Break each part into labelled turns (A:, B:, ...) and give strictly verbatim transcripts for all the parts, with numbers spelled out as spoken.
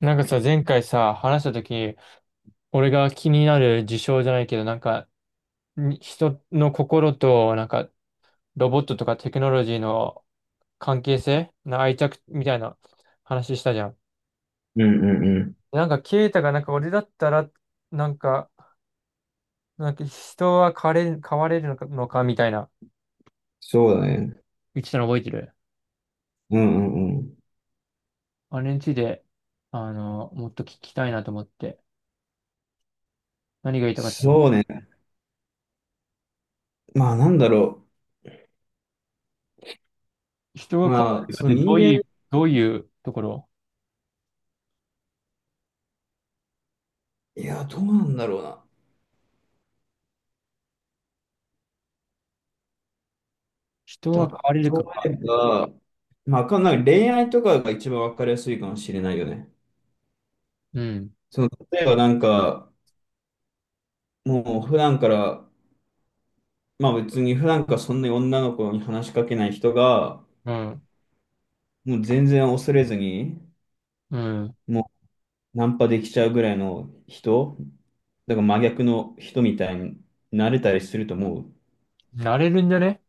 A: なんかさ、前回さ、話したとき、俺が気になる事象じゃないけど、なんか、に人の心と、なんか、ロボットとかテクノロジーの関係性な愛着みたいな話したじゃん。
B: うんうんうん。
A: なんか、ケイタが、なんか、俺だったら、なんか、なんか、人は変われる、変われるのか、のかみたいな、
B: そうだね。
A: 言ってたの覚えてる？
B: うんうんうん。
A: あれについて、あの、もっと聞きたいなと思って。何が言いたかったの？
B: そうね。まあ、なんだろ
A: 人
B: う。
A: が変われ
B: まあ、
A: るかっ
B: その
A: て、ど
B: 人
A: うい
B: 間、
A: う、どういうところ？
B: いや、どうなんだろうな。
A: 人は変われるか
B: 例
A: か。
B: えば、まあわかんない。恋愛とかが一番わかりやすいかもしれないよね。
A: うん。
B: その、例えばなんか、もう普段から、まあ別に普段からそんなに女の子に話しかけない人が、
A: うん。
B: もう全然恐れずに、
A: うん。
B: もうナンパできちゃうぐらいの人、だから真逆の人みたいになれたりすると思う。
A: なれるんじゃね？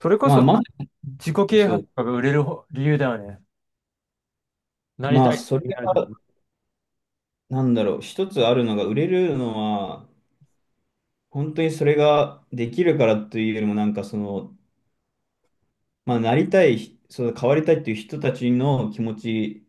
A: それこ
B: まあ
A: そ
B: まあ、
A: 自己啓
B: そ
A: 発
B: う。
A: とかが売れるほ理由だよね。なり
B: まあ、
A: たい
B: そ
A: っ
B: れ
A: てなると、
B: が、なんだろう、一つあるのが、売れるのは、本当にそれができるからというよりも、なんかその、まあ、なりたい、そう変わりたいっていう人たちの気持ち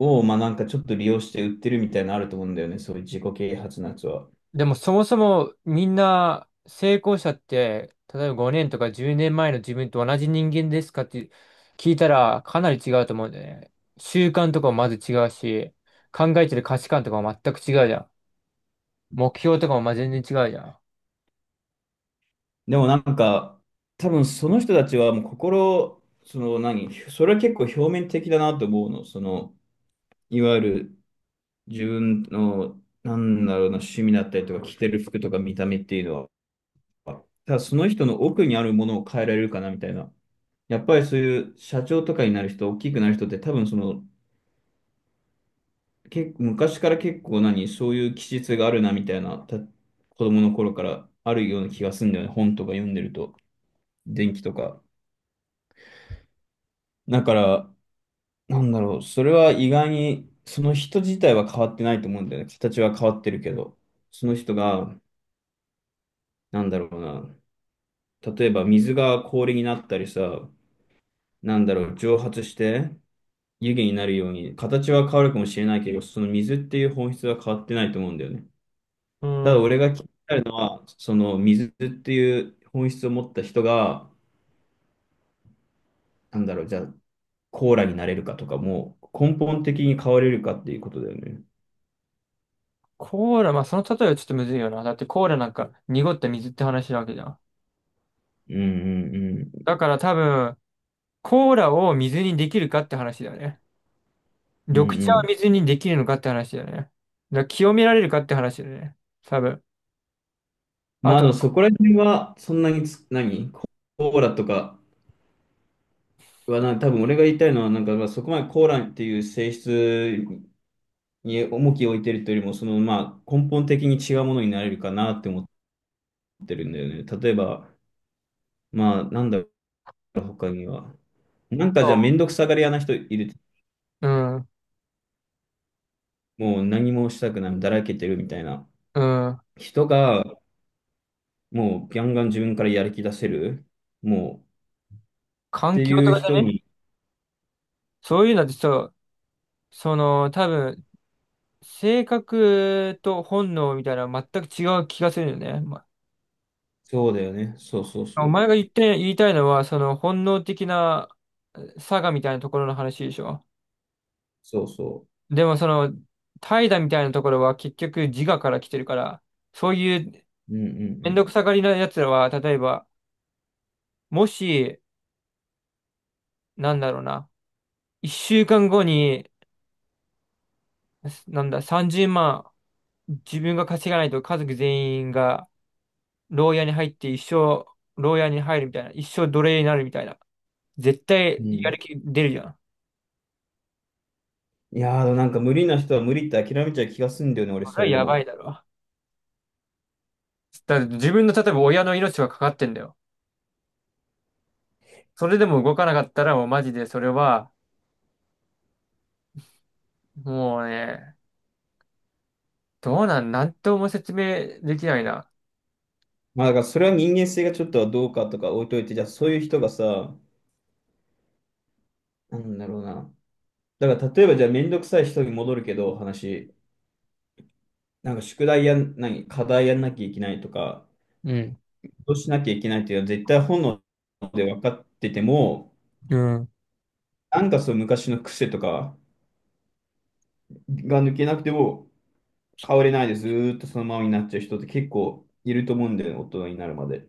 B: を、まあ、なんかちょっと利用して売ってるみたいなのあると思うんだよね、そういう自己啓発のやつは。
A: でもそもそもみんな成功者って、例えばごねんとかじゅうねんまえの自分と同じ人間ですかって聞いたらかなり違うと思うんだよね。習慣とかもまず違うし、考えてる価値観とかも全く違うじゃん。目標とかもまあ全然違うじゃん。
B: でもなんか、多分その人たちはもう心、その何、それは結構表面的だなと思うの、その、いわゆる自分の、なんだろうな、趣味だったりとか、着てる服とか見た目っていうのは、ただその人の奥にあるものを変えられるかなみたいな。やっぱりそういう社長とかになる人、大きくなる人って多分その、結構昔から結構何、そういう気質があるなみたいな、た子供の頃からあるような気がするんだよね。本とか読んでると、電気とか。だから、なんだろう、それは意外に、その人自体は変わってないと思うんだよね。形は変わってるけど、その人が、なんだろうな、例えば水が氷になったりさ、なんだろう、蒸発して、湯気になるように、形は変わるかもしれないけど、その水っていう本質は変わってないと思うんだよね。
A: う
B: ただ
A: ん。
B: 俺が気になるのは、その水っていう本質を持った人が、なんだろう、じゃあコーラになれるかとかも、根本的に変われるかっていうことだよね。
A: コーラ、まあその例えはちょっとむずいよな。だってコーラなんか濁った水って話なわけじゃん。
B: うんうんう
A: だから多分、コーラを水にできるかって話だよね。
B: ん。うん
A: 緑
B: う
A: 茶を
B: ん。
A: 水にできるのかって話だよね。だから清められるかって話だよね。多分。
B: ま
A: あ
B: あ、あの、
A: と、
B: そこら辺は、そんなにつ、何ココーラとかはな、多分俺が言いたいのは、なんか、まあ、そこまでコーラっていう性質に重きを置いてるというよりも、その、まあ、根本的に違うものになれるかなって思ってってるんだよね。例えば、まあ、なんだろう、他には。なんかじゃあ、めんどくさがり屋な人いる。
A: うん、
B: もう何もしたくない、だらけてるみたいな。
A: うん。
B: 人が、もう、ガンガン自分からやる気出せる。もう、っ
A: 環
B: て
A: 境
B: い
A: と
B: う
A: かじ
B: 人
A: ゃね？
B: に、
A: そういうのってさ、その、多分、性格と本能みたいなのは全く違う気がするよね。ま
B: そうだよね。そうそう
A: お
B: そ
A: 前が
B: う。
A: 言って、言いたいのは、その本能的なえ差がみたいなところの話でしょ。
B: そうそ
A: でもその、怠惰みたいなところは結局自我から来てるから、そういう
B: う。うんう
A: めん
B: ん
A: どくさがりなやつらは、例えば、もし、なんだろうな、一週間後に、すなんだ、さんじゅうまん、自分が稼がないと家族全員が、牢屋に入って一生、牢屋に入るみたいな、一生奴隷になるみたいな。絶
B: う
A: 対、
B: ん。う
A: やる
B: ん。
A: 気出るじゃん。
B: いやー、なんか無理な人は無理って諦めちゃう気がするんだよね、俺、
A: それ
B: そ
A: は
B: れで
A: やばい
B: も。
A: だろ。だって自分の、例えば親の命がかかってんだよ。それでも動かなかったら、もうマジでそれは、もうね、どうなん、なんとも説明できないな。
B: まあ、だからそれは人間性がちょっとはどうかとか置いといて、じゃあそういう人がさ、なんだろうな。だから例えばじゃあめんどくさい人に戻るけど、話。なんか宿題やん、何、課題やんなきゃいけないとか、
A: うん。
B: どうしなきゃいけないっていうのは絶対本能で分かってても、
A: うん。
B: なんかその昔の癖とかが抜けなくても変われないでずーっとそのままになっちゃう人って結構いると思うんだよね、大人になるまで。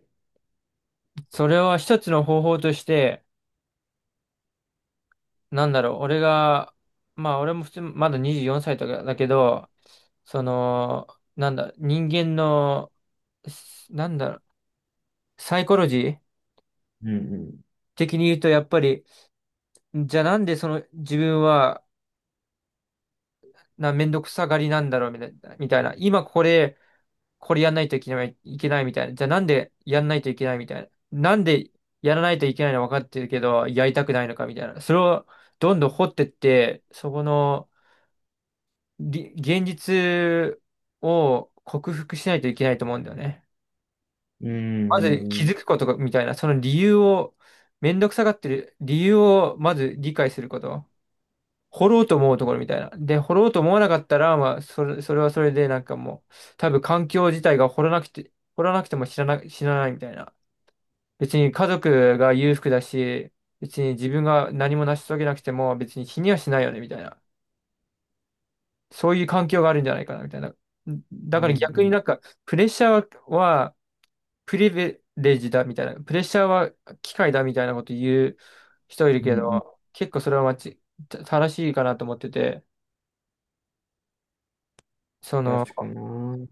A: それは一つの方法として、なんだろう、俺が、まあ俺も普通、まだにじゅうよんさいとかだけど、その、なんだ、人間の、すなんだろう、サイコロジー
B: うん
A: 的に言うと、やっぱり、じゃあなんでその自分は、な、めんどくさがりなんだろうみたいな、みたいな。今これ、これやんないといけない、いけないみたいな。じゃあなんでやんないといけないみたいな。なんでやらないといけないの分かってるけど、やりたくないのかみたいな。それをどんどん掘ってって、そこの、り現実を克服しないといけないと思うんだよね。
B: うん。う
A: まず
B: ん
A: 気
B: うん。
A: づくことがみたいな、その理由を、めんどくさがってる理由をまず理解すること。掘ろうと思うところみたいな。で、掘ろうと思わなかったら、まあ、それ、それはそれでなんかもう、多分環境自体が掘らなくて、掘らなくても知らな、知らないみたいな。別に家族が裕福だし、別に自分が何も成し遂げなくても別に死にはしないよねみたいな。そういう環境があるんじゃないかな、みたいな。
B: う
A: だか
B: ん
A: ら
B: う
A: 逆に
B: ん。
A: なんか、プレッシャーはプリベレージだ、みたいな。プレッシャーは機械だ、みたいなこと言う人いる
B: うんう
A: けど、
B: ん。
A: 結構それは間違た正しいかなと思ってて、その、
B: 確かな。うん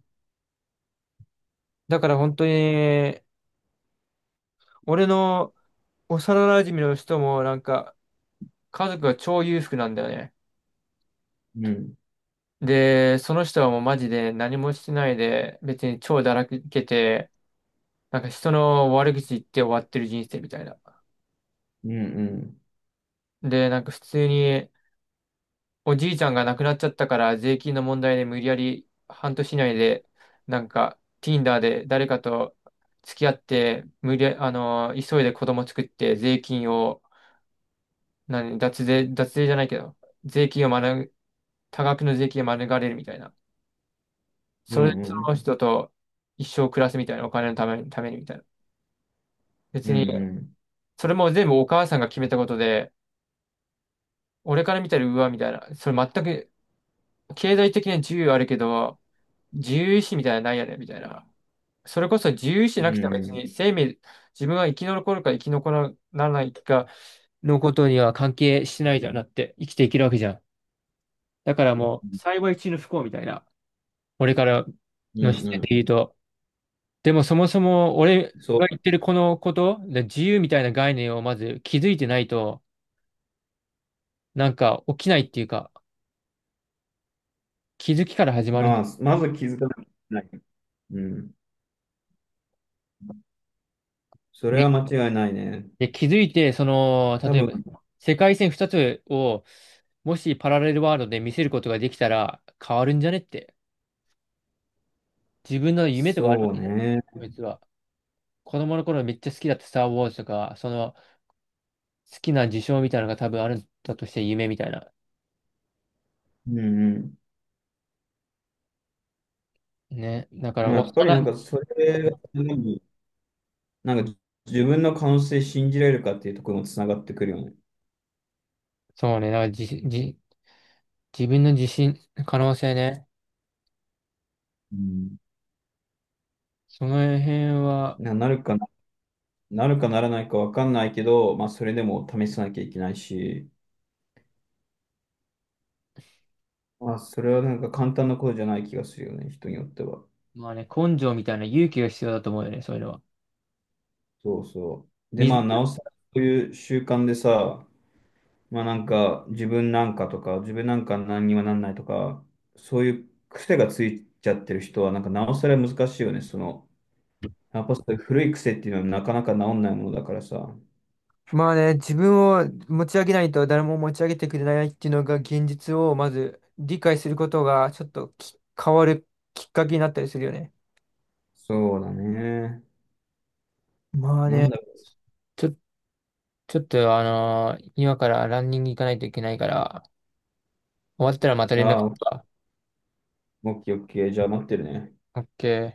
A: だから本当に、俺の幼馴染の人もなんか、家族が超裕福なんだよね。
B: うん。
A: で、その人はもうマジで何もしてないで、別に超だらけて、なんか人の悪口言って終わってる人生みたいな。
B: うんうん。
A: で、なんか普通におじいちゃんが亡くなっちゃったから税金の問題で無理やり半年以内でなんか Tinder で誰かと付き合って無理や、あのー急いで子供作って税金を何、脱税、脱税じゃないけど税金を免、多額の税金を免れるみたいな。
B: う
A: そ
B: ん
A: れでそ
B: う
A: の
B: ん。
A: 人と一生暮らすみたいなお金のために、ためにみたいな。
B: う
A: 別
B: ん
A: に
B: うん。
A: それも全部お母さんが決めたことで俺から見たらうわみたいな。それ全く経済的には自由あるけど、自由意志みたいなのないよね、みたいな。それこそ自由意志なくては別に生命、自分が生き残るか生き残らないかのことには関係してないじゃん、だって生きていけるわけじゃん。だからもう、幸い中の不幸みたいな、俺から
B: う
A: の
B: ん
A: 視
B: う
A: 点で
B: ん。
A: 言うと。でもそもそも俺が言
B: そ
A: ってるこのこと、で自由みたいな概念をまず気づいてないと、なんか起きないっていうか、気づきから始
B: う。
A: まるん
B: ま
A: だ。
B: あ、まず気づかなきゃいけない。うん。それは間違いないね。
A: で、気づいて、その、
B: 多
A: 例え
B: 分、
A: ば、世界線ふたつを、もしパラレルワールドで見せることができたら変わるんじゃねって。自分の夢とかある
B: そ
A: わ
B: う
A: けじゃない。
B: ね。
A: こいつは。子供の頃めっちゃ好きだったスター・ウォーズとか、その好きな事象みたいなのが多分あるんだとして夢みたいな。
B: うん
A: ね。だか
B: う
A: ら、
B: ん。やっぱり
A: 幼
B: なん
A: い、
B: かそれが、なんか自分の可能性信じられるかっていうところもつながってくるよね。
A: そうね。だからじ、じ、自分の自信、可能性ね。
B: うん。
A: その辺は、
B: な、なるかな、なるかならないかわかんないけど、まあそれでも試さなきゃいけないし、まあそれはなんか簡単なことじゃない気がするよね、人によっては。
A: まあね、根性みたいな勇気が必要だと思うよね、そういうのは。
B: そうそう。で、まあなお
A: 自
B: さらこういう習慣でさ、まあなんか、自分なんかとか、自分なんか何にもなんないとか、そういう癖がついちゃってる人は、なんかなおさら難しいよね。その、やっぱそういう古い癖っていうのはなかなか治んないものだからさ。
A: まあね、自分を持ち上げないと誰も持ち上げてくれないっていうのが現実をまず理解することがちょっとき変わるきっかけになったりするよね。
B: そうだね。
A: まあ
B: なん
A: ね、
B: だろ
A: ちょ、ちょっとあのー今からランニング行かないといけないから、終わったらまた
B: う。
A: 連
B: あ
A: 絡
B: あ、
A: する
B: オ
A: わ。
B: ッケーオッケー。じゃあ待ってるね。
A: オッケー。